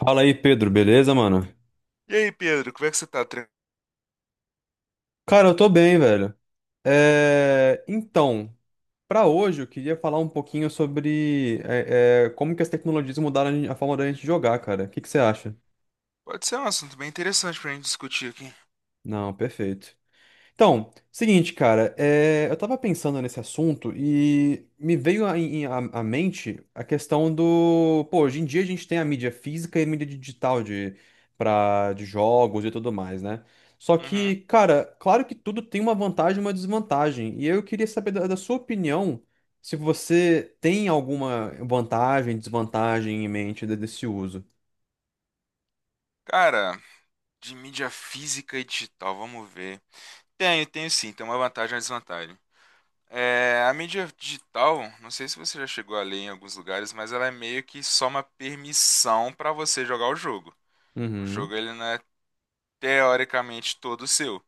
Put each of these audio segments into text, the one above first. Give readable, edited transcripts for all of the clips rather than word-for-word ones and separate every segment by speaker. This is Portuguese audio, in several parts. Speaker 1: Fala aí, Pedro, beleza, mano?
Speaker 2: E aí, Pedro, como é que você tá?
Speaker 1: Cara, eu tô bem, velho. Então, pra hoje eu queria falar um pouquinho sobre como que as tecnologias mudaram a forma da gente jogar, cara. O que que você acha?
Speaker 2: Pode ser um assunto bem interessante pra gente discutir aqui.
Speaker 1: Não, perfeito. Então, seguinte, cara, eu tava pensando nesse assunto e me veio à mente a questão do, pô, hoje em dia a gente tem a mídia física e a mídia digital de jogos e tudo mais, né? Só que,
Speaker 2: Uhum.
Speaker 1: cara, claro que tudo tem uma vantagem e uma desvantagem. E eu queria saber da sua opinião se você tem alguma vantagem, desvantagem em mente desse uso.
Speaker 2: Cara, de mídia física e digital, vamos ver. Tenho sim, tem uma vantagem e uma desvantagem. É, a mídia digital, não sei se você já chegou a ler em alguns lugares, mas ela é meio que só uma permissão pra você jogar o jogo. O
Speaker 1: Uhum,
Speaker 2: jogo ele não é teoricamente todo seu.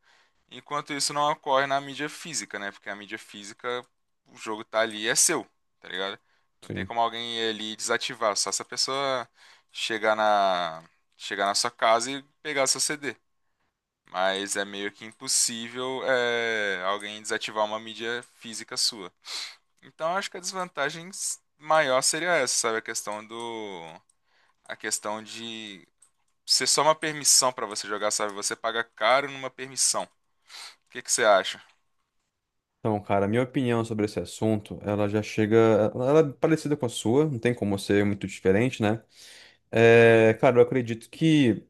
Speaker 2: Enquanto isso não ocorre na mídia física, né? Porque a mídia física, o jogo tá ali e é seu, tá ligado? Não tem
Speaker 1: sim.
Speaker 2: como alguém ir ali e desativar, só se a pessoa chegar na, chegar na sua casa e pegar seu CD. Mas é meio que impossível alguém desativar uma mídia física sua. Então acho que a desvantagem maior seria essa, sabe? A questão do. A questão de ser só uma permissão pra você jogar, sabe? Você paga caro numa permissão. O que que você acha?
Speaker 1: Então, cara, minha opinião sobre esse assunto, ela já chega. Ela é parecida com a sua, não tem como ser muito diferente, né?
Speaker 2: Uhum.
Speaker 1: Cara, eu acredito que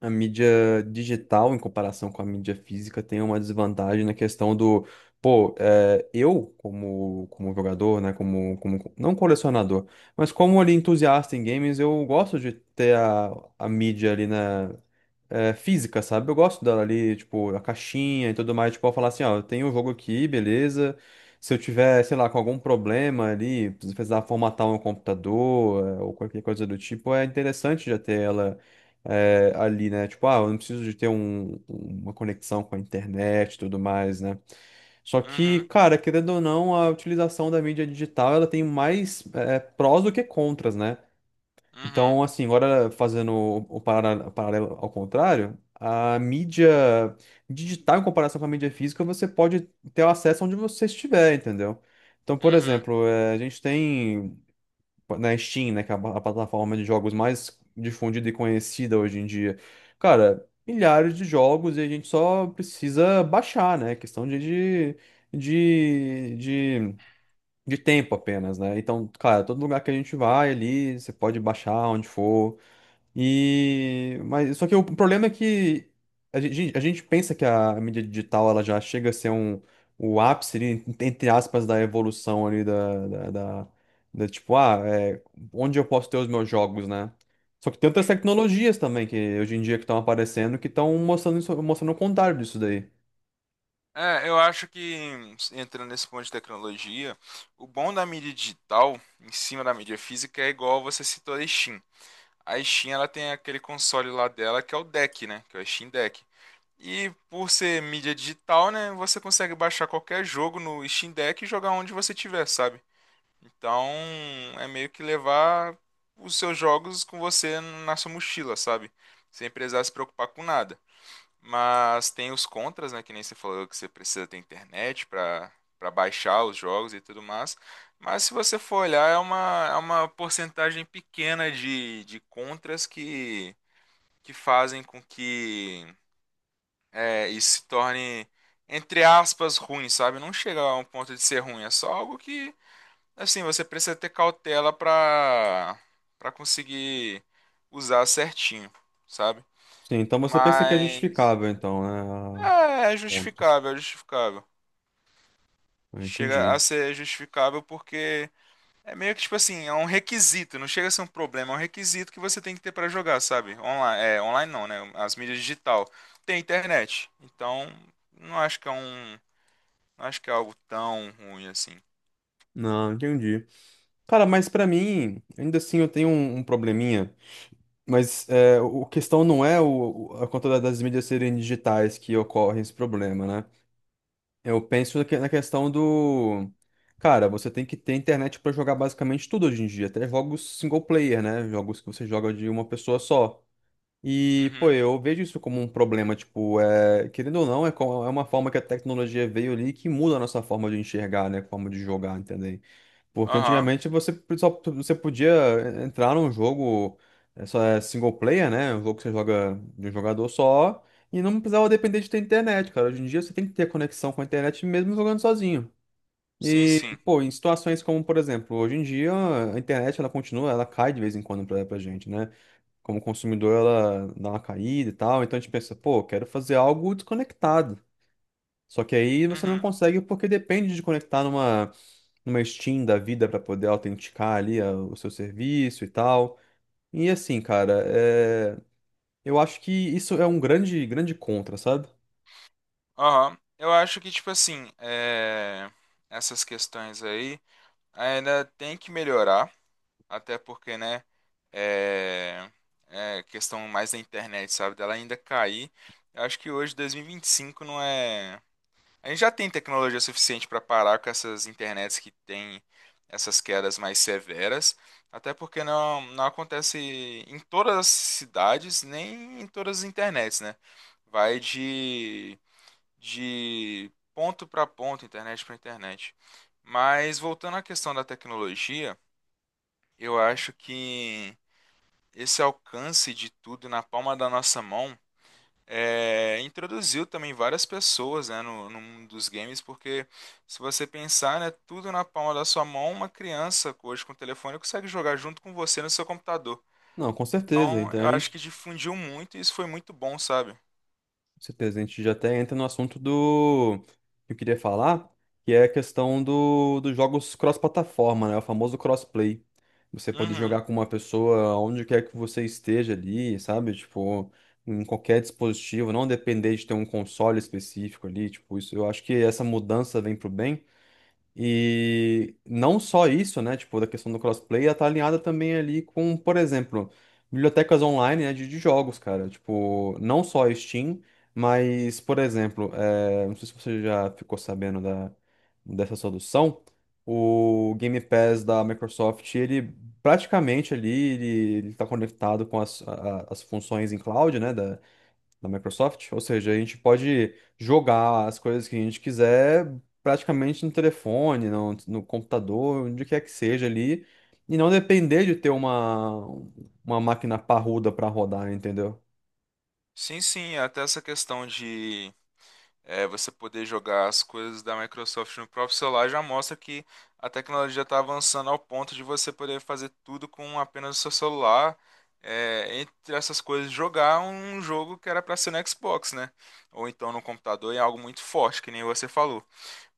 Speaker 1: a mídia digital, em comparação com a mídia física, tem uma desvantagem na questão do. Pô, eu, como jogador, né? Como, como. Não colecionador, mas como ali entusiasta em games, eu gosto de ter a mídia ali, né? Física, sabe? Eu gosto dela ali, tipo, a caixinha e tudo mais. Tipo, eu falar assim, ó, eu tenho o jogo aqui, beleza. Se eu tiver, sei lá, com algum problema ali, preciso precisar formatar um computador, ou qualquer coisa do tipo, é interessante já ter ela ali, né? Tipo, ah, eu não preciso de ter uma conexão com a internet e tudo mais, né? Só que,
Speaker 2: Uhum,
Speaker 1: cara, querendo ou não, a utilização da mídia digital, ela tem mais prós do que contras, né?
Speaker 2: uhum,
Speaker 1: Então, assim, agora fazendo o paralelo ao contrário, a mídia digital em comparação com a mídia física, você pode ter o acesso onde você estiver, entendeu? Então, por
Speaker 2: uhum.
Speaker 1: exemplo, eh, a gente tem na Steam, né, que é a plataforma de jogos mais difundida e conhecida hoje em dia, cara, milhares de jogos e a gente só precisa baixar, né? Questão de, de de tempo apenas, né? Então, cara, todo lugar que a gente vai ali, você pode baixar onde for. E mas só que o problema é que a gente pensa que a mídia digital ela já chega a ser o ápice ali, entre aspas, da evolução ali da, tipo, onde eu posso ter os meus jogos, né? Só que tem outras tecnologias também que hoje em dia que estão aparecendo que estão mostrando isso, mostrando o contrário disso daí.
Speaker 2: É, eu acho que entrando nesse ponto de tecnologia, o bom da mídia digital em cima da mídia física é igual você citou a Steam. A Steam ela tem aquele console lá dela que é o Deck, né? Que é o Steam Deck. E por ser mídia digital, né, você consegue baixar qualquer jogo no Steam Deck e jogar onde você tiver, sabe? Então, é meio que levar os seus jogos com você na sua mochila, sabe? Sem precisar se preocupar com nada. Mas tem os contras, né? Que nem você falou que você precisa ter internet para baixar os jogos e tudo mais. Mas se você for olhar, é é uma porcentagem pequena de contras que fazem com que isso se torne, entre aspas, ruim, sabe? Não chega a um ponto de ser ruim, é só algo que, assim, você precisa ter cautela para conseguir usar certinho, sabe?
Speaker 1: Sim, então você pensa que é
Speaker 2: Mas
Speaker 1: justificável então, né?
Speaker 2: é
Speaker 1: Contras.
Speaker 2: justificável, é justificável.
Speaker 1: Eu
Speaker 2: Chega a
Speaker 1: entendi.
Speaker 2: ser justificável porque é meio que tipo assim, é um requisito, não chega a ser um problema, é um requisito que você tem que ter pra jogar, sabe? Online, online não, né? As mídias digital tem internet. Então, não acho que é um, não acho que é algo tão ruim assim.
Speaker 1: Não, entendi. Cara, mas pra mim, ainda assim eu tenho um probleminha. Mas o a questão não é a conta das mídias serem digitais que ocorre esse problema, né? Eu penso na questão do. Cara, você tem que ter internet pra jogar basicamente tudo hoje em dia, até jogos single player, né? Jogos que você joga de uma pessoa só. E, pô,
Speaker 2: Uhum.
Speaker 1: eu vejo isso como um problema, tipo, querendo ou não, é uma forma que a tecnologia veio ali que muda a nossa forma de enxergar, né? Forma de jogar, entendeu? Porque
Speaker 2: Aham.
Speaker 1: antigamente você só você podia entrar num jogo, só single player, né? Um jogo que você joga de um jogador só e não precisava depender de ter internet, cara. Hoje em dia você tem que ter conexão com a internet mesmo jogando sozinho.
Speaker 2: Sim,
Speaker 1: E,
Speaker 2: sim.
Speaker 1: pô, em situações como, por exemplo, hoje em dia a internet ela continua, ela cai de vez em quando pra gente, né? Como consumidor ela dá uma caída e tal, então a gente pensa, pô, quero fazer algo desconectado. Só que aí você não
Speaker 2: Uhum.
Speaker 1: consegue porque depende de conectar numa Steam da vida para poder autenticar ali o seu serviço e tal. E assim, cara, eu acho que isso é um grande, grande contra, sabe?
Speaker 2: Aham. Eu acho que tipo assim, é, essas questões aí ainda tem que melhorar. Até porque, né? É, é questão mais da internet, sabe? Dela ainda cair. Eu acho que hoje, dois mil e vinte e cinco não é. A gente já tem tecnologia suficiente para parar com essas internets que têm essas quedas mais severas. Até porque não acontece em todas as cidades, nem em todas as internets, né? Vai de ponto para ponto, internet para internet. Mas voltando à questão da tecnologia, eu acho que esse alcance de tudo na palma da nossa mão introduziu também várias pessoas, né, no mundo dos games, porque se você pensar, né, tudo na palma da sua mão, uma criança hoje com o telefone consegue jogar junto com você no seu computador.
Speaker 1: Não, com certeza.
Speaker 2: Então,
Speaker 1: Então,
Speaker 2: eu acho que difundiu muito e isso foi muito bom, sabe?
Speaker 1: com certeza, a gente já até entra no assunto do que eu queria falar, que é a questão dos jogos cross-plataforma, né? O famoso crossplay. Você pode
Speaker 2: Uhum.
Speaker 1: jogar com uma pessoa onde quer que você esteja ali, sabe? Tipo, em qualquer dispositivo, não depender de ter um console específico ali, tipo, isso. Eu acho que essa mudança vem pro bem, e não só isso, né? Tipo, da questão do crossplay, ela tá alinhada também ali com, por exemplo, bibliotecas online, né, de jogos, cara. Tipo, não só a Steam, mas, por exemplo, eh, não sei se você já ficou sabendo da, dessa solução, o Game Pass da Microsoft, ele praticamente ali, ele tá conectado com as funções em cloud, né? Da Microsoft. Ou seja, a gente pode jogar as coisas que a gente quiser praticamente no telefone, no computador, onde quer que seja ali, e não depender de ter uma máquina parruda para rodar, entendeu?
Speaker 2: Sim, sim, até essa questão de É, você poder jogar as coisas da Microsoft no próprio celular já mostra que a tecnologia está avançando ao ponto de você poder fazer tudo com apenas o seu celular. É, entre essas coisas, jogar um jogo que era para ser no Xbox, né? Ou então no computador, é algo muito forte, que nem você falou.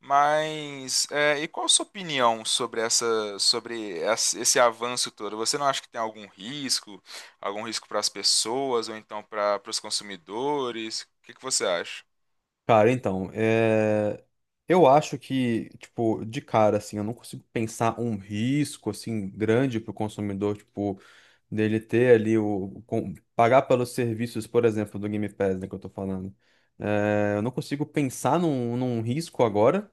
Speaker 2: Mas, é, e qual a sua opinião sobre esse avanço todo? Você não acha que tem algum risco para as pessoas ou então para os consumidores? O que que você acha?
Speaker 1: Cara, então, eu acho que, tipo, de cara, assim, eu não consigo pensar um risco, assim, grande para o consumidor, tipo. Dele ter ali pagar pelos serviços, por exemplo, do Game Pass, né, que eu tô falando. É, eu não consigo pensar num risco agora,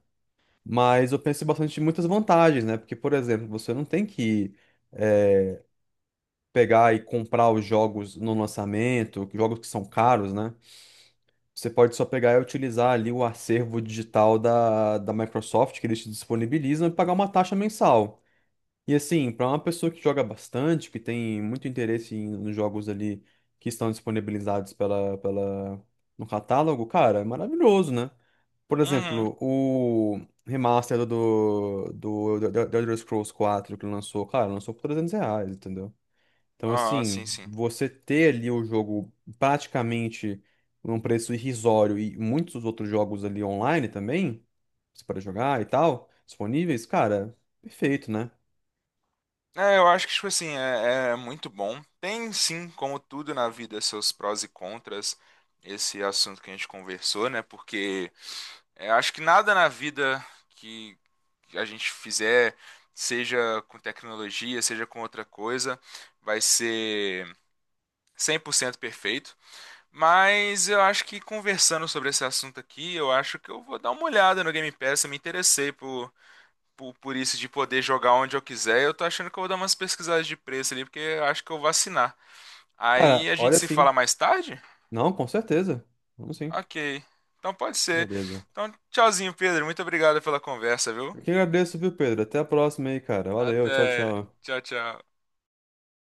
Speaker 1: mas eu penso bastante em muitas vantagens, né? Porque, por exemplo, você não tem que é, pegar e comprar os jogos no lançamento, jogos que são caros, né? Você pode só pegar e utilizar ali o acervo digital da Microsoft que eles te disponibilizam e pagar uma taxa mensal. E assim, para uma pessoa que joga bastante, que tem muito interesse nos jogos ali que estão disponibilizados no catálogo, cara, é maravilhoso, né? Por
Speaker 2: Uhum.
Speaker 1: exemplo, o remaster do Elder Scrolls 4, que lançou, cara, lançou por R$ 300, entendeu? Então,
Speaker 2: Ah, sim,
Speaker 1: assim,
Speaker 2: sim.
Speaker 1: você ter ali o jogo praticamente num preço irrisório e muitos outros jogos ali online também, você pode jogar e tal, disponíveis, cara, perfeito, né?
Speaker 2: É, eu acho que, tipo assim, é muito bom. Tem, sim, como tudo na vida, seus prós e contras, esse assunto que a gente conversou, né? Porque é, acho que nada na vida que a gente fizer, seja com tecnologia, seja com outra coisa, vai ser 100% perfeito. Mas eu acho que conversando sobre esse assunto aqui, eu acho que eu vou dar uma olhada no Game Pass. Eu me interessei por isso de poder jogar onde eu quiser, eu tô achando que eu vou dar umas pesquisadas de preço ali, porque eu acho que eu vou assinar.
Speaker 1: Cara,
Speaker 2: Aí a gente
Speaker 1: olha,
Speaker 2: se
Speaker 1: sim.
Speaker 2: fala mais tarde?
Speaker 1: Não, com certeza. Vamos sim.
Speaker 2: Ok. Então pode ser.
Speaker 1: Beleza.
Speaker 2: Então, tchauzinho, Pedro. Muito obrigado pela conversa, viu?
Speaker 1: Eu que agradeço, viu, Pedro? Até a próxima aí, cara. Valeu, tchau,
Speaker 2: Até.
Speaker 1: tchau.
Speaker 2: Tchau, tchau.